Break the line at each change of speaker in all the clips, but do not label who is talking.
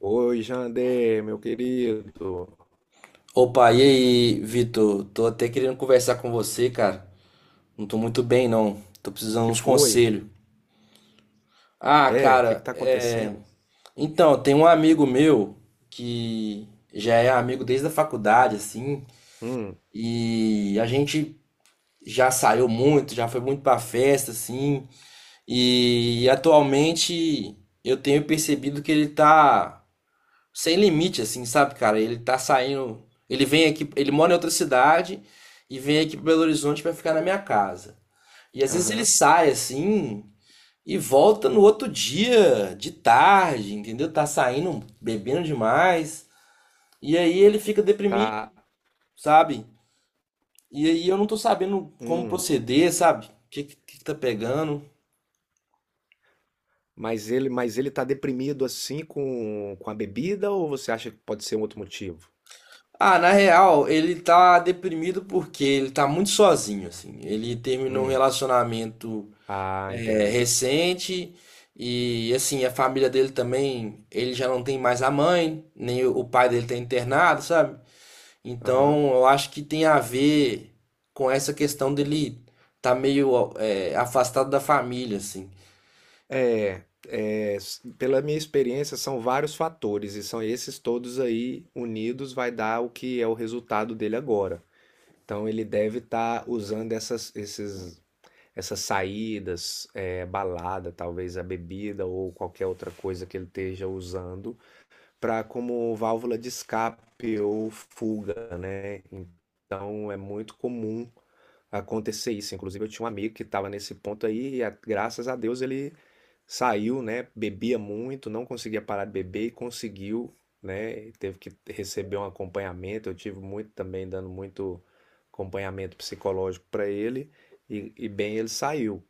Oi, Jander, meu querido.
Opa, e aí, Vitor? Tô até querendo conversar com você, cara. Não tô muito bem, não. Tô precisando de
Que
uns
foi?
conselhos. Ah,
É, o que que
cara,
tá
é.
acontecendo?
Então, tem um amigo meu que já é amigo desde a faculdade, assim,
Hum,
e a gente já saiu muito, já foi muito pra festa, assim, e atualmente eu tenho percebido que ele tá sem limite, assim, sabe, cara? Ele tá saindo. Ele vem aqui, ele mora em outra cidade e vem aqui para Belo Horizonte para ficar na minha casa. E às vezes ele
aham,
sai assim e volta no outro dia, de tarde, entendeu? Tá saindo, bebendo demais. E aí ele fica deprimido,
tá.
sabe? E aí eu não tô sabendo como
Hum.
proceder, sabe? Que que tá pegando?
Mas ele tá deprimido assim com a bebida ou você acha que pode ser um outro motivo?
Ah, na real, ele tá deprimido porque ele tá muito sozinho, assim. Ele terminou um
Hum.
relacionamento
Ah, entendi.
recente. E assim, a família dele também, ele já não tem mais a mãe, nem o pai dele tá internado, sabe?
Aham.
Então eu acho que tem a ver com essa questão dele tá meio afastado da família, assim.
Pela minha experiência, são vários fatores e são esses todos aí unidos vai dar o que é o resultado dele agora. Então ele deve estar usando essas saídas, é, balada, talvez a bebida ou qualquer outra coisa que ele esteja usando, para como válvula de escape ou fuga, né? Então é muito comum acontecer isso. Inclusive, eu tinha um amigo que estava nesse ponto aí e, graças a Deus, ele saiu, né? Bebia muito, não conseguia parar de beber e conseguiu, né? Teve que receber um acompanhamento. Eu tive muito também, dando muito acompanhamento psicológico para ele. E bem, ele saiu.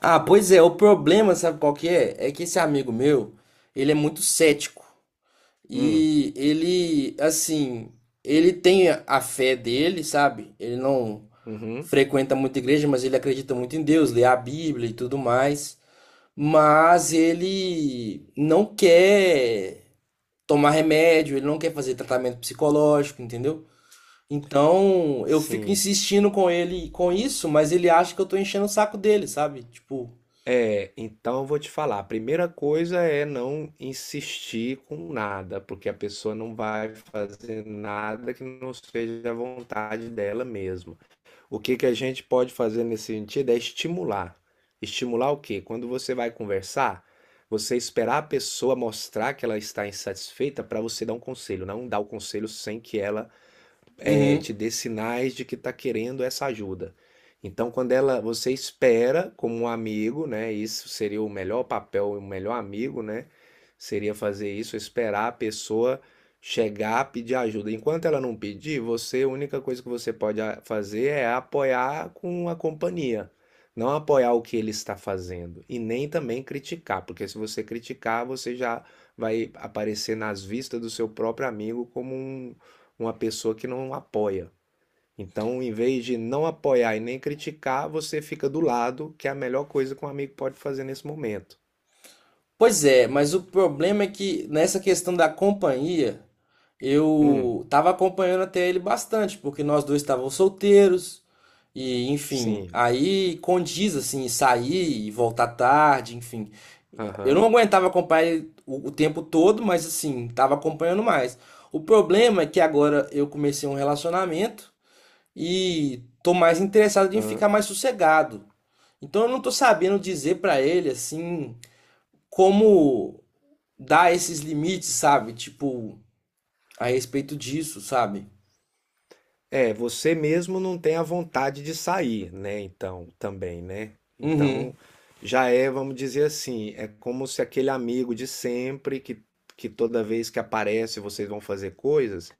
Ah, pois é, o problema, sabe qual que é? É que esse amigo meu, ele é muito cético.
Hum,
E ele, assim, ele tem a fé dele, sabe? Ele não
uhum,
frequenta muita igreja, mas ele acredita muito em Deus, lê a Bíblia e tudo mais, mas ele não quer tomar remédio, ele não quer fazer tratamento psicológico, entendeu? Então, eu fico
sim.
insistindo com ele com isso, mas ele acha que eu tô enchendo o saco dele, sabe? Tipo,
É, então eu vou te falar. A primeira coisa é não insistir com nada, porque a pessoa não vai fazer nada que não seja a vontade dela mesma. O que que a gente pode fazer nesse sentido é estimular. Estimular o quê? Quando você vai conversar, você esperar a pessoa mostrar que ela está insatisfeita para você dar um conselho, não dar o conselho sem que ela
uhum.
te dê sinais de que está querendo essa ajuda. Então, quando ela, você espera como um amigo, né? Isso seria o melhor papel, o melhor amigo, né? Seria fazer isso, esperar a pessoa chegar, pedir ajuda. Enquanto ela não pedir, você, a única coisa que você pode fazer é apoiar com a companhia. Não apoiar o que ele está fazendo e nem também criticar, porque se você criticar, você já vai aparecer nas vistas do seu próprio amigo como um, uma pessoa que não apoia. Então, em vez de não apoiar e nem criticar, você fica do lado, que é a melhor coisa que um amigo pode fazer nesse momento.
Pois é, mas o problema é que nessa questão da companhia,
Hum,
eu tava acompanhando até ele bastante, porque nós dois estávamos solteiros, e enfim,
sim,
aí condiz assim, sair e voltar tarde, enfim. Eu não
aham,
aguentava acompanhar ele o tempo todo, mas assim, tava acompanhando mais. O problema é que agora eu comecei um relacionamento e tô mais interessado em
aham.
ficar mais sossegado. Então eu não tô sabendo dizer pra ele assim como dar esses limites, sabe? Tipo, a respeito disso, sabe?
É, você mesmo não tem a vontade de sair, né? Então, também, né?
Uhum.
Então, já é, vamos dizer assim, é como se aquele amigo de sempre que toda vez que aparece vocês vão fazer coisas.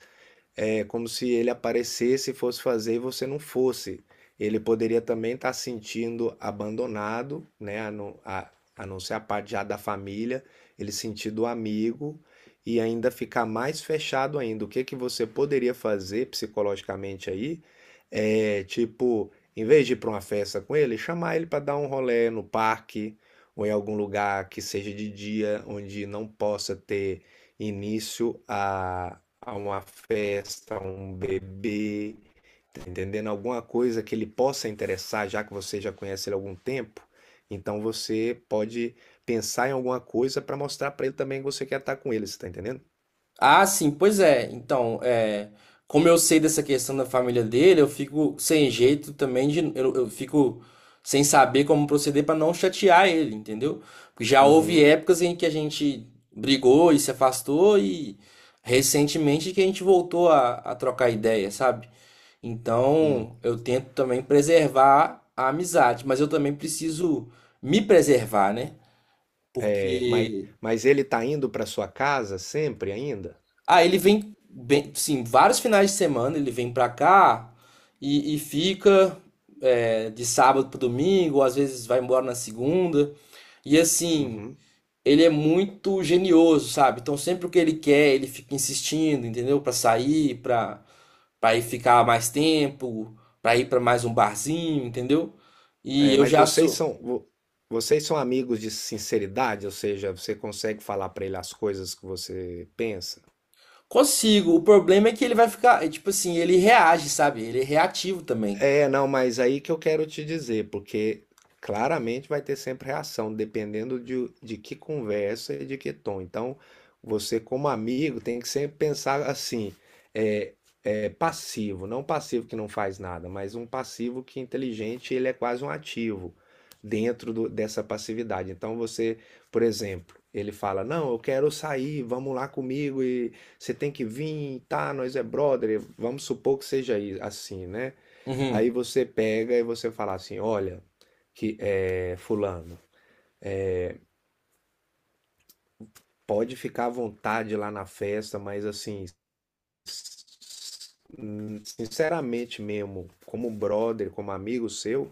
É como se ele aparecesse e fosse fazer e você não fosse. Ele poderia também estar se sentindo abandonado, né? A não, a não ser a parte já da família, ele sentido amigo e ainda ficar mais fechado ainda. O que que você poderia fazer psicologicamente aí? É tipo, em vez de ir para uma festa com ele, chamar ele para dar um rolê no parque ou em algum lugar que seja de dia, onde não possa ter início a uma festa, a um bebê, tá entendendo? Alguma coisa que ele possa interessar, já que você já conhece ele há algum tempo. Então você pode pensar em alguma coisa para mostrar para ele também que você quer estar com ele, você tá entendendo?
Ah, sim, pois é. Então, é, como eu sei dessa questão da família dele, eu fico sem jeito também de, eu fico sem saber como proceder pra não chatear ele, entendeu? Porque já houve
Uhum.
épocas em que a gente brigou e se afastou e recentemente que a gente voltou a trocar ideia, sabe?
Hum.
Então, eu tento também preservar a amizade, mas eu também preciso me preservar, né?
É,
Porque
mas ele tá indo para sua casa sempre ainda?
ah, ele vem bem, sim, vários finais de semana ele vem pra cá e fica de sábado para domingo, ou às vezes vai embora na segunda. E assim,
Uhum.
ele é muito genioso, sabe? Então sempre o que ele quer, ele fica insistindo, entendeu? Pra sair, pra para ir ficar mais tempo, para ir para mais um barzinho, entendeu? E
É,
eu
mas
já sou.
vocês são amigos de sinceridade, ou seja, você consegue falar para ele as coisas que você pensa?
Consigo. O problema é que ele vai ficar. Tipo assim, ele reage, sabe? Ele é reativo também.
É, não, mas aí que eu quero te dizer, porque claramente vai ter sempre reação, dependendo de que conversa e de que tom. Então, você, como amigo, tem que sempre pensar assim: é, é passivo, não passivo que não faz nada, mas um passivo que inteligente, ele é quase um ativo dessa passividade. Então, você, por exemplo, ele fala: Não, eu quero sair, vamos lá comigo e você tem que vir, tá? Nós é brother, vamos supor que seja assim, né? Aí
Uhum,
você pega e você fala assim: olha, que é, fulano, pode ficar à vontade lá na festa, mas assim, sinceramente mesmo, como brother, como amigo seu,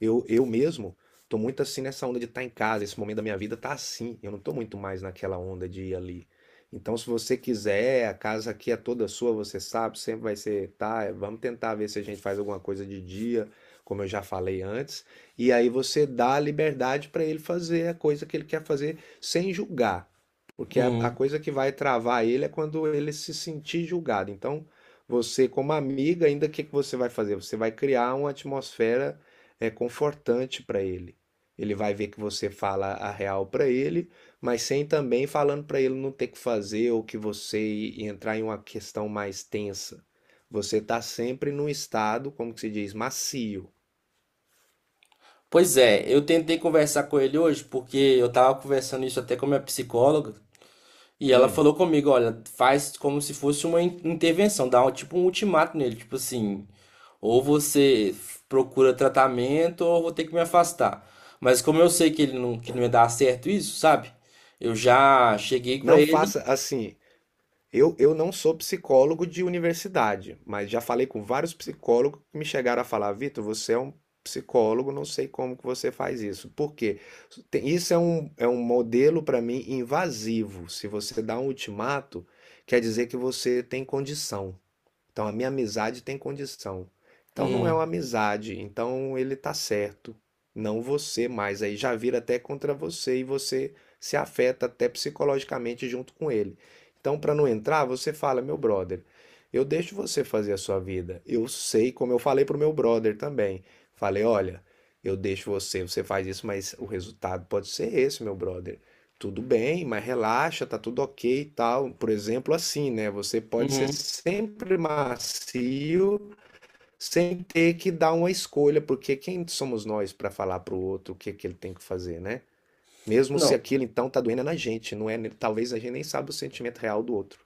eu mesmo tô muito assim nessa onda de estar em casa. Esse momento da minha vida tá assim. Eu não tô muito mais naquela onda de ir ali. Então, se você quiser, a casa aqui é toda sua, você sabe, sempre vai ser, tá? Vamos tentar ver se a gente faz alguma coisa de dia, como eu já falei antes. E aí você dá a liberdade para ele fazer a coisa que ele quer fazer sem julgar. Porque a
uhum.
coisa que vai travar ele é quando ele se sentir julgado. Então, você, como amiga, ainda o que que você vai fazer? Você vai criar uma atmosfera é, confortante para ele. Ele vai ver que você fala a real para ele, mas sem também falando para ele não ter que fazer ou que você entrar em uma questão mais tensa. Você está sempre num estado, como que se diz, macio.
Pois é, eu tentei conversar com ele hoje, porque eu tava conversando isso até com a minha psicóloga. E ela
Hum.
falou comigo, olha, faz como se fosse uma intervenção, dá um, tipo um ultimato nele, tipo assim, ou você procura tratamento ou eu vou ter que me afastar. Mas como eu sei que ele não, que não ia dar certo isso, sabe? Eu já cheguei pra
Não
ele.
faça assim. Eu não sou psicólogo de universidade, mas já falei com vários psicólogos que me chegaram a falar, Vitor, você é um psicólogo, não sei como que você faz isso. Por quê? Isso é um modelo para mim invasivo. Se você dá um ultimato, quer dizer que você tem condição. Então a minha amizade tem condição. Então não é uma
Uhum,
amizade, então ele tá certo, não você mais. Aí já vira até contra você e você se afeta até psicologicamente junto com ele. Então para não entrar, você fala, meu brother, eu deixo você fazer a sua vida. Eu sei, como eu falei pro meu brother também. Falei, olha, eu deixo você, você faz isso, mas o resultado pode ser esse, meu brother. Tudo bem, mas relaxa, tá tudo ok e tal. Por exemplo, assim, né? Você pode ser
uhum.
sempre macio sem ter que dar uma escolha, porque quem somos nós para falar pro outro o que que ele tem que fazer, né? Mesmo se
Não.
aquilo então tá doendo na gente, não é? Talvez a gente nem sabe o sentimento real do outro.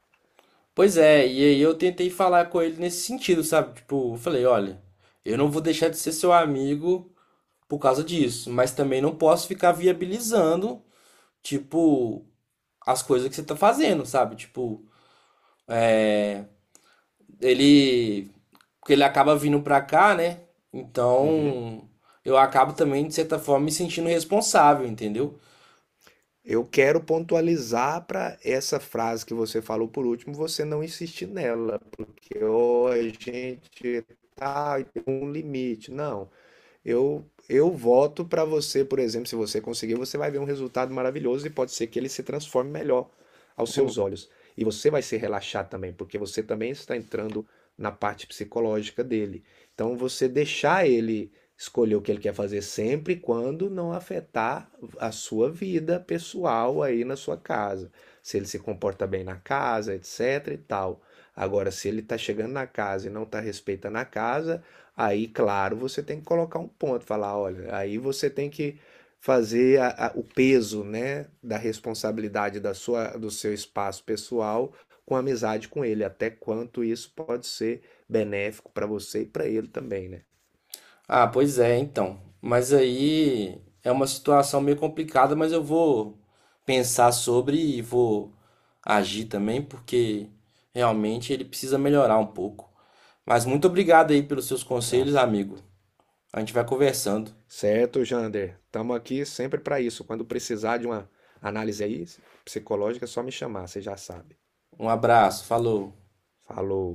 Pois é, e aí eu tentei falar com ele nesse sentido, sabe? Tipo, eu falei, olha, eu não vou deixar de ser seu amigo por causa disso, mas também não posso ficar viabilizando, tipo, as coisas que você tá fazendo, sabe? Tipo, é, ele. Porque ele acaba vindo pra cá, né?
Uhum.
Então, eu acabo também, de certa forma, me sentindo responsável, entendeu?
Eu quero pontualizar para essa frase que você falou por último, você não insistir nela, porque ou a gente tá tem um limite. Não. Eu voto para você, por exemplo, se você conseguir, você vai ver um resultado maravilhoso e pode ser que ele se transforme melhor aos seus
Hum.
olhos. E você vai se relaxar também, porque você também está entrando na parte psicológica dele. Então você deixar ele escolher o que ele quer fazer sempre quando não afetar a sua vida pessoal aí na sua casa. Se ele se comporta bem na casa, etc e tal. Agora, se ele está chegando na casa e não está respeitando a casa, aí, claro, você tem que colocar um ponto, falar, olha, aí você tem que fazer o peso, né, da responsabilidade da sua, do seu espaço pessoal com a amizade com ele, até quanto isso pode ser benéfico para você e para ele também, né?
Ah, pois é, então. Mas aí é uma situação meio complicada, mas eu vou pensar sobre e vou agir também, porque realmente ele precisa melhorar um pouco. Mas muito obrigado aí pelos seus
Tá
conselhos, amigo.
certo.
A gente vai conversando.
Certo, Jander. Estamos aqui sempre para isso. Quando precisar de uma análise aí psicológica, é só me chamar, você já sabe.
Um abraço, falou.
Falou.